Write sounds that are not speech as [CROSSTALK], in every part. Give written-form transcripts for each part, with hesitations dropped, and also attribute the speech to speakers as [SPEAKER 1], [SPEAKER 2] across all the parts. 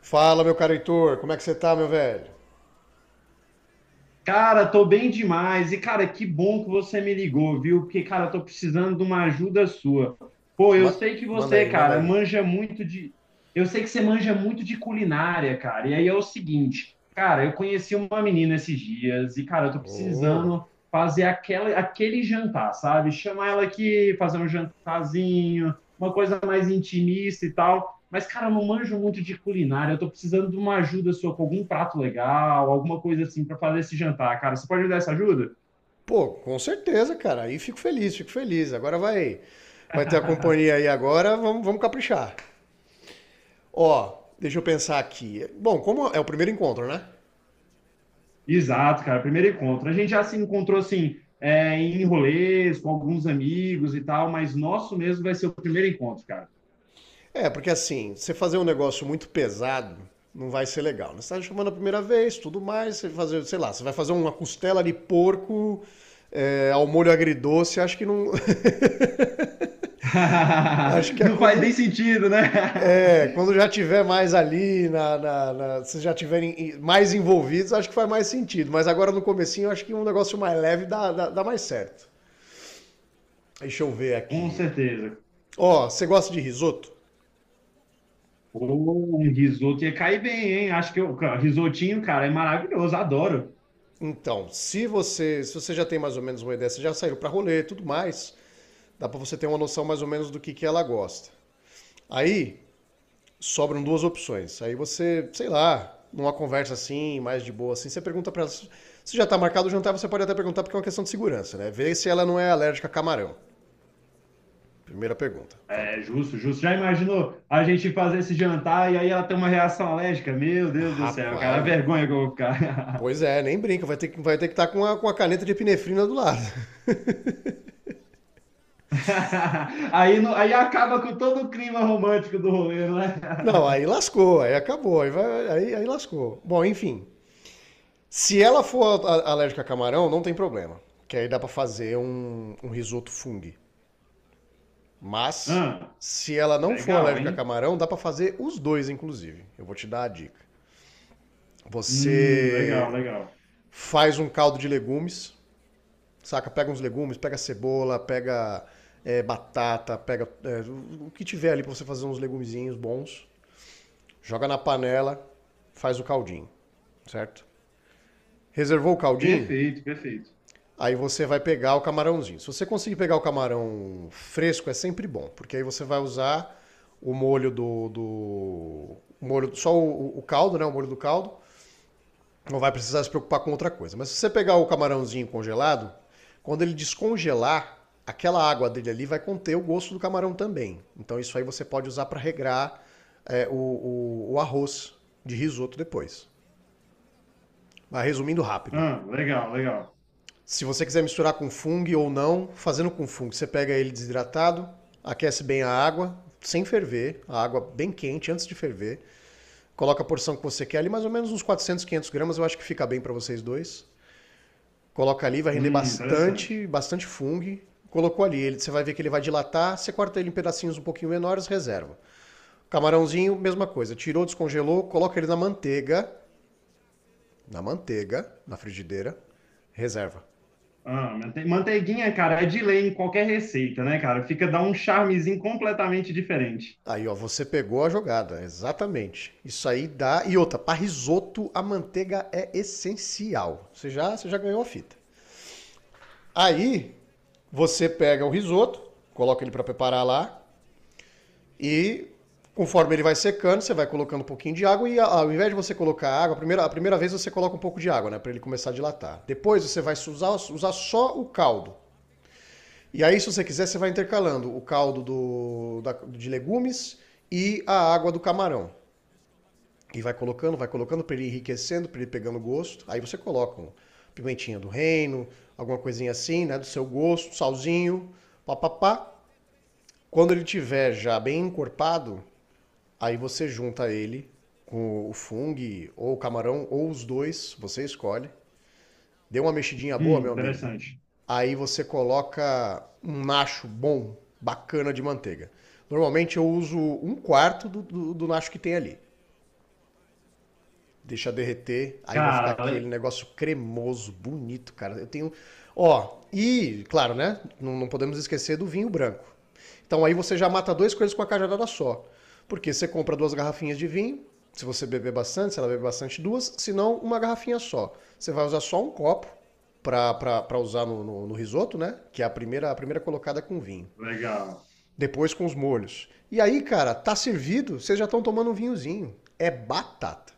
[SPEAKER 1] Fala, meu caro Heitor, como é que você tá, meu velho?
[SPEAKER 2] Cara, tô bem demais. E, cara, que bom que você me ligou, viu? Porque, cara, eu tô precisando de uma ajuda sua. Pô, eu
[SPEAKER 1] Ma-
[SPEAKER 2] sei que
[SPEAKER 1] Manda
[SPEAKER 2] você,
[SPEAKER 1] aí, manda
[SPEAKER 2] cara,
[SPEAKER 1] aí.
[SPEAKER 2] manja muito de. Eu sei que você manja muito de culinária, cara. E aí é o seguinte, cara, eu conheci uma menina esses dias e, cara, eu tô
[SPEAKER 1] Ô,
[SPEAKER 2] precisando fazer aquele jantar, sabe? Chamar ela aqui, fazer um jantarzinho, uma coisa mais intimista e tal. Mas, cara, eu não manjo muito de culinária. Eu tô precisando de uma ajuda sua com algum prato legal, alguma coisa assim para fazer esse jantar, cara. Você pode me dar essa ajuda?
[SPEAKER 1] pô, com certeza, cara. Aí fico feliz, fico feliz. Agora vai ter a companhia
[SPEAKER 2] [LAUGHS]
[SPEAKER 1] aí agora, vamos caprichar. Ó, deixa eu pensar aqui. Bom, como é o primeiro encontro, né?
[SPEAKER 2] Exato, cara. Primeiro encontro. A gente já se encontrou assim, é, em rolês, com alguns amigos e tal, mas nosso mesmo vai ser o primeiro encontro, cara.
[SPEAKER 1] É, porque assim, você fazer um negócio muito pesado não vai ser legal. Né? Você tá chamando a primeira vez, tudo mais, você fazer, sei lá, você vai fazer uma costela de porco ao molho agridoce, acho que não. [LAUGHS] Acho que
[SPEAKER 2] [LAUGHS]
[SPEAKER 1] é
[SPEAKER 2] Não faz nem
[SPEAKER 1] quando.
[SPEAKER 2] sentido, né? [LAUGHS]
[SPEAKER 1] É, quando já tiver mais ali, se já tiverem mais envolvidos, acho que faz mais sentido. Mas agora no comecinho, eu acho que um negócio mais leve dá mais certo. Deixa eu ver
[SPEAKER 2] Com
[SPEAKER 1] aqui.
[SPEAKER 2] certeza.
[SPEAKER 1] Ó, você gosta de risoto?
[SPEAKER 2] Pô, um risoto ia cair bem, hein? Acho que o risotinho, cara, é maravilhoso, adoro.
[SPEAKER 1] Então, se você já tem mais ou menos uma ideia, você já saiu pra rolê e tudo mais, dá pra você ter uma noção mais ou menos do que ela gosta. Aí, sobram duas opções. Aí você, sei lá, numa conversa assim, mais de boa assim, você pergunta para ela se já tá marcado o jantar, você pode até perguntar porque é uma questão de segurança, né? Vê se ela não é alérgica a camarão. Primeira pergunta. Fala para
[SPEAKER 2] É
[SPEAKER 1] ela.
[SPEAKER 2] justo, justo. Já imaginou a gente fazer esse jantar e aí ela tem uma reação alérgica? Meu Deus do céu, cara, a
[SPEAKER 1] Rapaz,
[SPEAKER 2] vergonha que eu vou ficar.
[SPEAKER 1] pois é, nem brinca, vai ter que estar com a caneta de epinefrina do lado. [LAUGHS]
[SPEAKER 2] [LAUGHS] Aí, não- aí acaba com todo o clima romântico do rolê, não é?
[SPEAKER 1] Não, aí
[SPEAKER 2] [LAUGHS]
[SPEAKER 1] lascou, aí acabou, aí lascou. Bom, enfim. Se ela for alérgica a camarão, não tem problema. Que aí dá pra fazer um risoto fungo. Mas,
[SPEAKER 2] Ah,
[SPEAKER 1] se ela não for
[SPEAKER 2] legal,
[SPEAKER 1] alérgica a
[SPEAKER 2] hein?
[SPEAKER 1] camarão, dá para fazer os dois, inclusive. Eu vou te dar a dica.
[SPEAKER 2] Legal,
[SPEAKER 1] Você
[SPEAKER 2] legal.
[SPEAKER 1] faz um caldo de legumes, saca? Pega uns legumes, pega cebola, pega batata, pega o que tiver ali para você fazer uns legumezinhos bons. Joga na panela, faz o caldinho, certo? Reservou o caldinho?
[SPEAKER 2] Perfeito, perfeito.
[SPEAKER 1] Aí você vai pegar o camarãozinho. Se você conseguir pegar o camarão fresco, é sempre bom, porque aí você vai usar o molho do. Do molho, só o caldo, né? O molho do caldo. Não vai precisar se preocupar com outra coisa. Mas se você pegar o camarãozinho congelado, quando ele descongelar, aquela água dele ali vai conter o gosto do camarão também. Então isso aí você pode usar para regrar o arroz de risoto depois. Mas resumindo rápido,
[SPEAKER 2] Ah, legal, legal.
[SPEAKER 1] se você quiser misturar com fung ou não, fazendo com fung, você pega ele desidratado, aquece bem a água, sem ferver, a água bem quente antes de ferver. Coloca a porção que você quer ali, mais ou menos uns 400, 500 gramas, eu acho que fica bem para vocês dois. Coloca ali, vai render bastante,
[SPEAKER 2] Interessante.
[SPEAKER 1] bastante fungo. Colocou ali, ele, você vai ver que ele vai dilatar, você corta ele em pedacinhos um pouquinho menores, reserva. Camarãozinho, mesma coisa, tirou, descongelou, coloca ele na manteiga, na frigideira, reserva.
[SPEAKER 2] Ah, mante- manteiguinha, cara, é de lei em qualquer receita, né, cara? Fica, dá um charmezinho completamente diferente.
[SPEAKER 1] Aí, ó, você pegou a jogada, exatamente. Isso aí dá. E outra, para risoto a manteiga é essencial. Você já ganhou a fita. Aí, você pega o risoto, coloca ele para preparar lá e conforme ele vai secando, você vai colocando um pouquinho de água e ao invés de você colocar água, a primeira vez você coloca um pouco de água, né, para ele começar a dilatar. Depois você vai usar só o caldo. E aí, se você quiser, você vai intercalando o caldo de legumes e a água do camarão. E vai colocando para ele enriquecendo, para ele pegando gosto. Aí você coloca um pimentinha do reino, alguma coisinha assim, né, do seu gosto, salzinho, papapá. Quando ele tiver já bem encorpado, aí você junta ele com o fungo ou o camarão ou os dois, você escolhe. Dê uma mexidinha boa, meu amigo.
[SPEAKER 2] Interessante.
[SPEAKER 1] Aí você coloca um nacho bom, bacana de manteiga. Normalmente eu uso um quarto do nacho que tem ali. Deixa derreter, aí vai ficar
[SPEAKER 2] Cara,
[SPEAKER 1] aquele
[SPEAKER 2] le-
[SPEAKER 1] negócio cremoso, bonito, cara. Eu tenho. Ó, e, claro, né? Não, não podemos esquecer do vinho branco. Então aí você já mata duas coisas com a cajadada só. Porque você compra duas garrafinhas de vinho, se você beber bastante, se ela beber bastante, duas, se não, uma garrafinha só. Você vai usar só um copo para usar no risoto, né? Que é a primeira colocada com vinho.
[SPEAKER 2] legal.
[SPEAKER 1] Depois com os molhos. E aí, cara, tá servido, vocês já estão tomando um vinhozinho. É batata.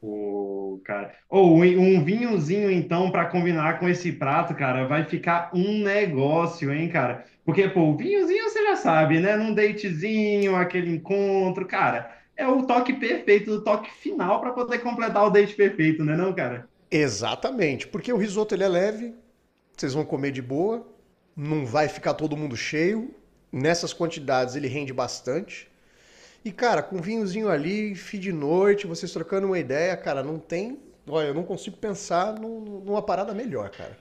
[SPEAKER 2] Pô, cara. Ou um vinhozinho, então, para combinar com esse prato, cara, vai ficar um negócio, hein, cara? Porque, pô, o vinhozinho você já sabe, né? Num datezinho, aquele encontro, cara. É o toque perfeito, o toque final para poder completar o date perfeito, né, não, cara?
[SPEAKER 1] Exatamente, porque o risoto ele é leve, vocês vão comer de boa, não vai ficar todo mundo cheio. Nessas quantidades ele rende bastante. E cara, com um vinhozinho ali, fim de noite, vocês trocando uma ideia, cara, não tem. Olha, eu não consigo pensar numa parada melhor, cara.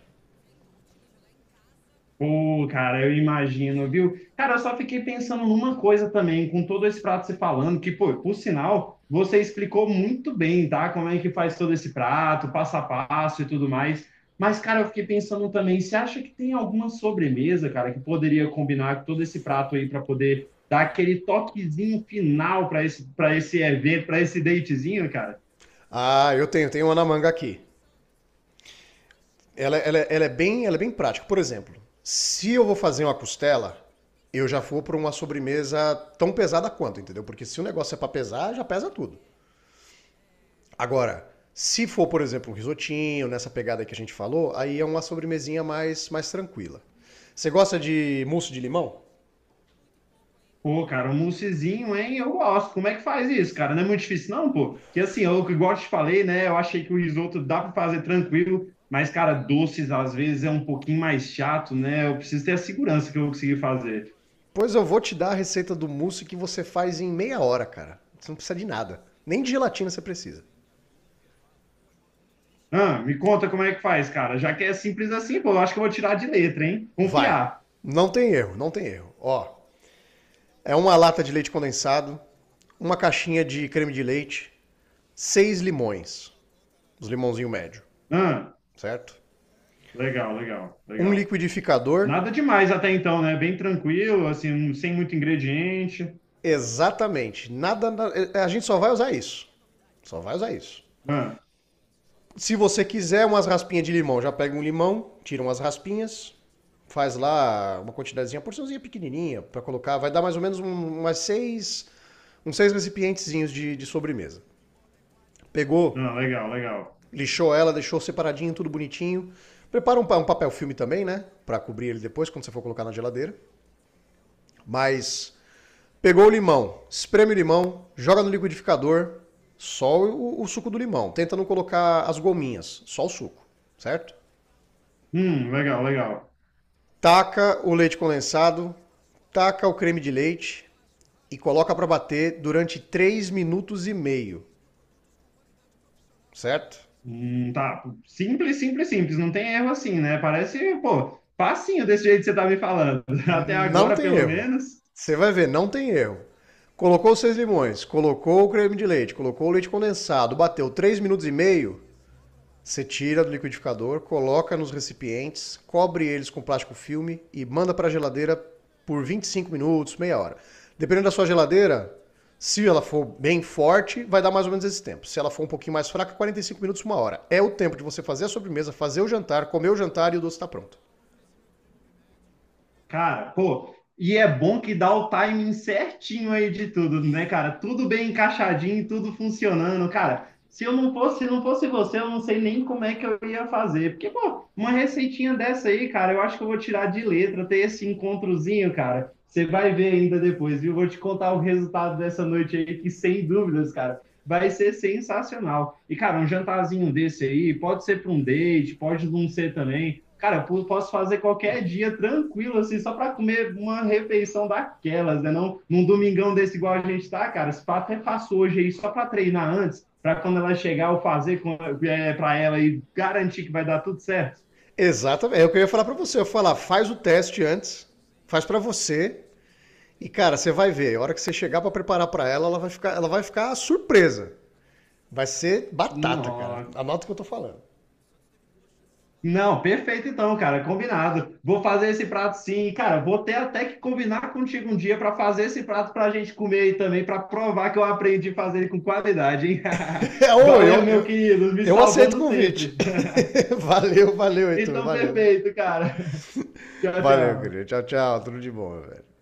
[SPEAKER 2] Pô, cara, eu imagino, viu? Cara, eu só fiquei pensando numa coisa também, com todo esse prato você falando, que, pô, por sinal, você explicou muito bem, tá? Como é que faz todo esse prato, passo a passo e tudo mais. Mas, cara, eu fiquei pensando também, você acha que tem alguma sobremesa, cara, que poderia combinar com todo esse prato aí para poder dar aquele toquezinho final para para esse evento, para esse datezinho, cara?
[SPEAKER 1] Ah, eu tenho uma na manga aqui. Ela é bem prática. Por exemplo, se eu vou fazer uma costela, eu já vou para uma sobremesa tão pesada quanto, entendeu? Porque se o negócio é para pesar, já pesa tudo. Agora, se for, por exemplo, um risotinho, nessa pegada que a gente falou, aí é uma sobremesinha mais tranquila. Você gosta de mousse de limão?
[SPEAKER 2] Pô, cara, um moussezinho, hein? Eu gosto. Como é que faz isso, cara? Não é muito difícil, não, pô. Que assim, eu igual eu te falei, né? Eu achei que o risoto dá para fazer tranquilo, mas, cara, doces às vezes é um pouquinho mais chato, né? Eu preciso ter a segurança que eu vou conseguir fazer.
[SPEAKER 1] Pois eu vou te dar a receita do mousse que você faz em meia hora, cara. Você não precisa de nada. Nem de gelatina você precisa.
[SPEAKER 2] Ah, me conta como é que faz, cara. Já que é simples assim, pô, eu acho que eu vou tirar de letra, hein?
[SPEAKER 1] Vai.
[SPEAKER 2] Confiar.
[SPEAKER 1] Não tem erro, não tem erro. Ó, é uma lata de leite condensado, uma caixinha de creme de leite, seis limões, os limãozinhos médio,
[SPEAKER 2] Ah,
[SPEAKER 1] certo?
[SPEAKER 2] legal, legal,
[SPEAKER 1] Um
[SPEAKER 2] legal.
[SPEAKER 1] liquidificador.
[SPEAKER 2] Nada demais até então, né? Bem tranquilo, assim, sem muito ingrediente.
[SPEAKER 1] Exatamente. Nada, a gente só vai usar isso. Só vai usar isso.
[SPEAKER 2] Ah,
[SPEAKER 1] Se você quiser umas raspinhas de limão, já pega um limão, tira umas raspinhas, faz lá uma quantidadezinha, uma porçãozinha pequenininha para colocar, vai dar mais ou menos umas seis, uns seis recipientezinhos de sobremesa. Pegou,
[SPEAKER 2] não, legal, legal.
[SPEAKER 1] lixou ela, deixou separadinho, tudo bonitinho. Prepara um papel filme também, né, para cobrir ele depois quando você for colocar na geladeira. Mas pegou o limão, espreme o limão, joga no liquidificador, só o suco do limão. Tenta não colocar as gominhas, só o suco, certo?
[SPEAKER 2] Legal, legal.
[SPEAKER 1] Taca o leite condensado, taca o creme de leite e coloca para bater durante 3 minutos e meio, certo?
[SPEAKER 2] Tá. Simples, simples, simples. Não tem erro assim, né? Parece, pô, facinho desse jeito que você tá me falando. [LAUGHS] Até
[SPEAKER 1] Não
[SPEAKER 2] agora,
[SPEAKER 1] tem
[SPEAKER 2] pelo
[SPEAKER 1] erro.
[SPEAKER 2] menos.
[SPEAKER 1] Você vai ver, não tem erro. Colocou os seis limões, colocou o creme de leite, colocou o leite condensado, bateu 3 minutos e meio, você tira do liquidificador, coloca nos recipientes, cobre eles com plástico filme e manda para a geladeira por 25 minutos, meia hora. Dependendo da sua geladeira, se ela for bem forte, vai dar mais ou menos esse tempo. Se ela for um pouquinho mais fraca, 45 minutos, uma hora. É o tempo de você fazer a sobremesa, fazer o jantar, comer o jantar e o doce está pronto.
[SPEAKER 2] Cara, pô, e é bom que dá o timing certinho aí de tudo, né, cara? Tudo bem encaixadinho, tudo funcionando, cara. Se não fosse você, eu não sei nem como é que eu ia fazer. Porque, pô, uma receitinha dessa aí, cara, eu acho que eu vou tirar de letra, ter esse encontrozinho, cara. Você vai ver ainda depois, viu? Vou te contar o resultado dessa noite aí, que sem dúvidas, cara, vai ser sensacional. E, cara, um jantarzinho desse aí, pode ser para um date, pode não ser também. Cara, eu posso fazer qualquer dia tranquilo, assim, só para comer uma refeição daquelas, né? Não, num domingão desse igual a gente tá, cara. Se pá, até faço hoje aí só para treinar antes, para quando ela chegar eu fazer para ela e garantir que vai dar tudo certo.
[SPEAKER 1] Exatamente, é o que eu ia falar para você. Eu ia falar, faz o teste antes, faz para você e cara, você vai ver. A hora que você chegar para preparar para ela, ela vai ficar surpresa. Vai ser batata, cara.
[SPEAKER 2] Não,
[SPEAKER 1] Anota o que eu tô falando.
[SPEAKER 2] não, perfeito então, cara, combinado. Vou fazer esse prato sim, e, cara. Vou ter até que combinar contigo um dia para fazer esse prato para a gente comer aí também, para provar que eu aprendi a fazer ele com qualidade, hein?
[SPEAKER 1] [LAUGHS] É,
[SPEAKER 2] [LAUGHS]
[SPEAKER 1] ô,
[SPEAKER 2] Valeu,
[SPEAKER 1] eu,
[SPEAKER 2] meu
[SPEAKER 1] eu,
[SPEAKER 2] querido, me
[SPEAKER 1] eu aceito o
[SPEAKER 2] salvando
[SPEAKER 1] convite.
[SPEAKER 2] sempre.
[SPEAKER 1] [LAUGHS] Valeu, valeu, Heitor.
[SPEAKER 2] Então,
[SPEAKER 1] Valeu.
[SPEAKER 2] perfeito, cara. [LAUGHS] Tchau,
[SPEAKER 1] Valeu, querido.
[SPEAKER 2] tchau.
[SPEAKER 1] Tchau, tchau. Tudo de bom, velho.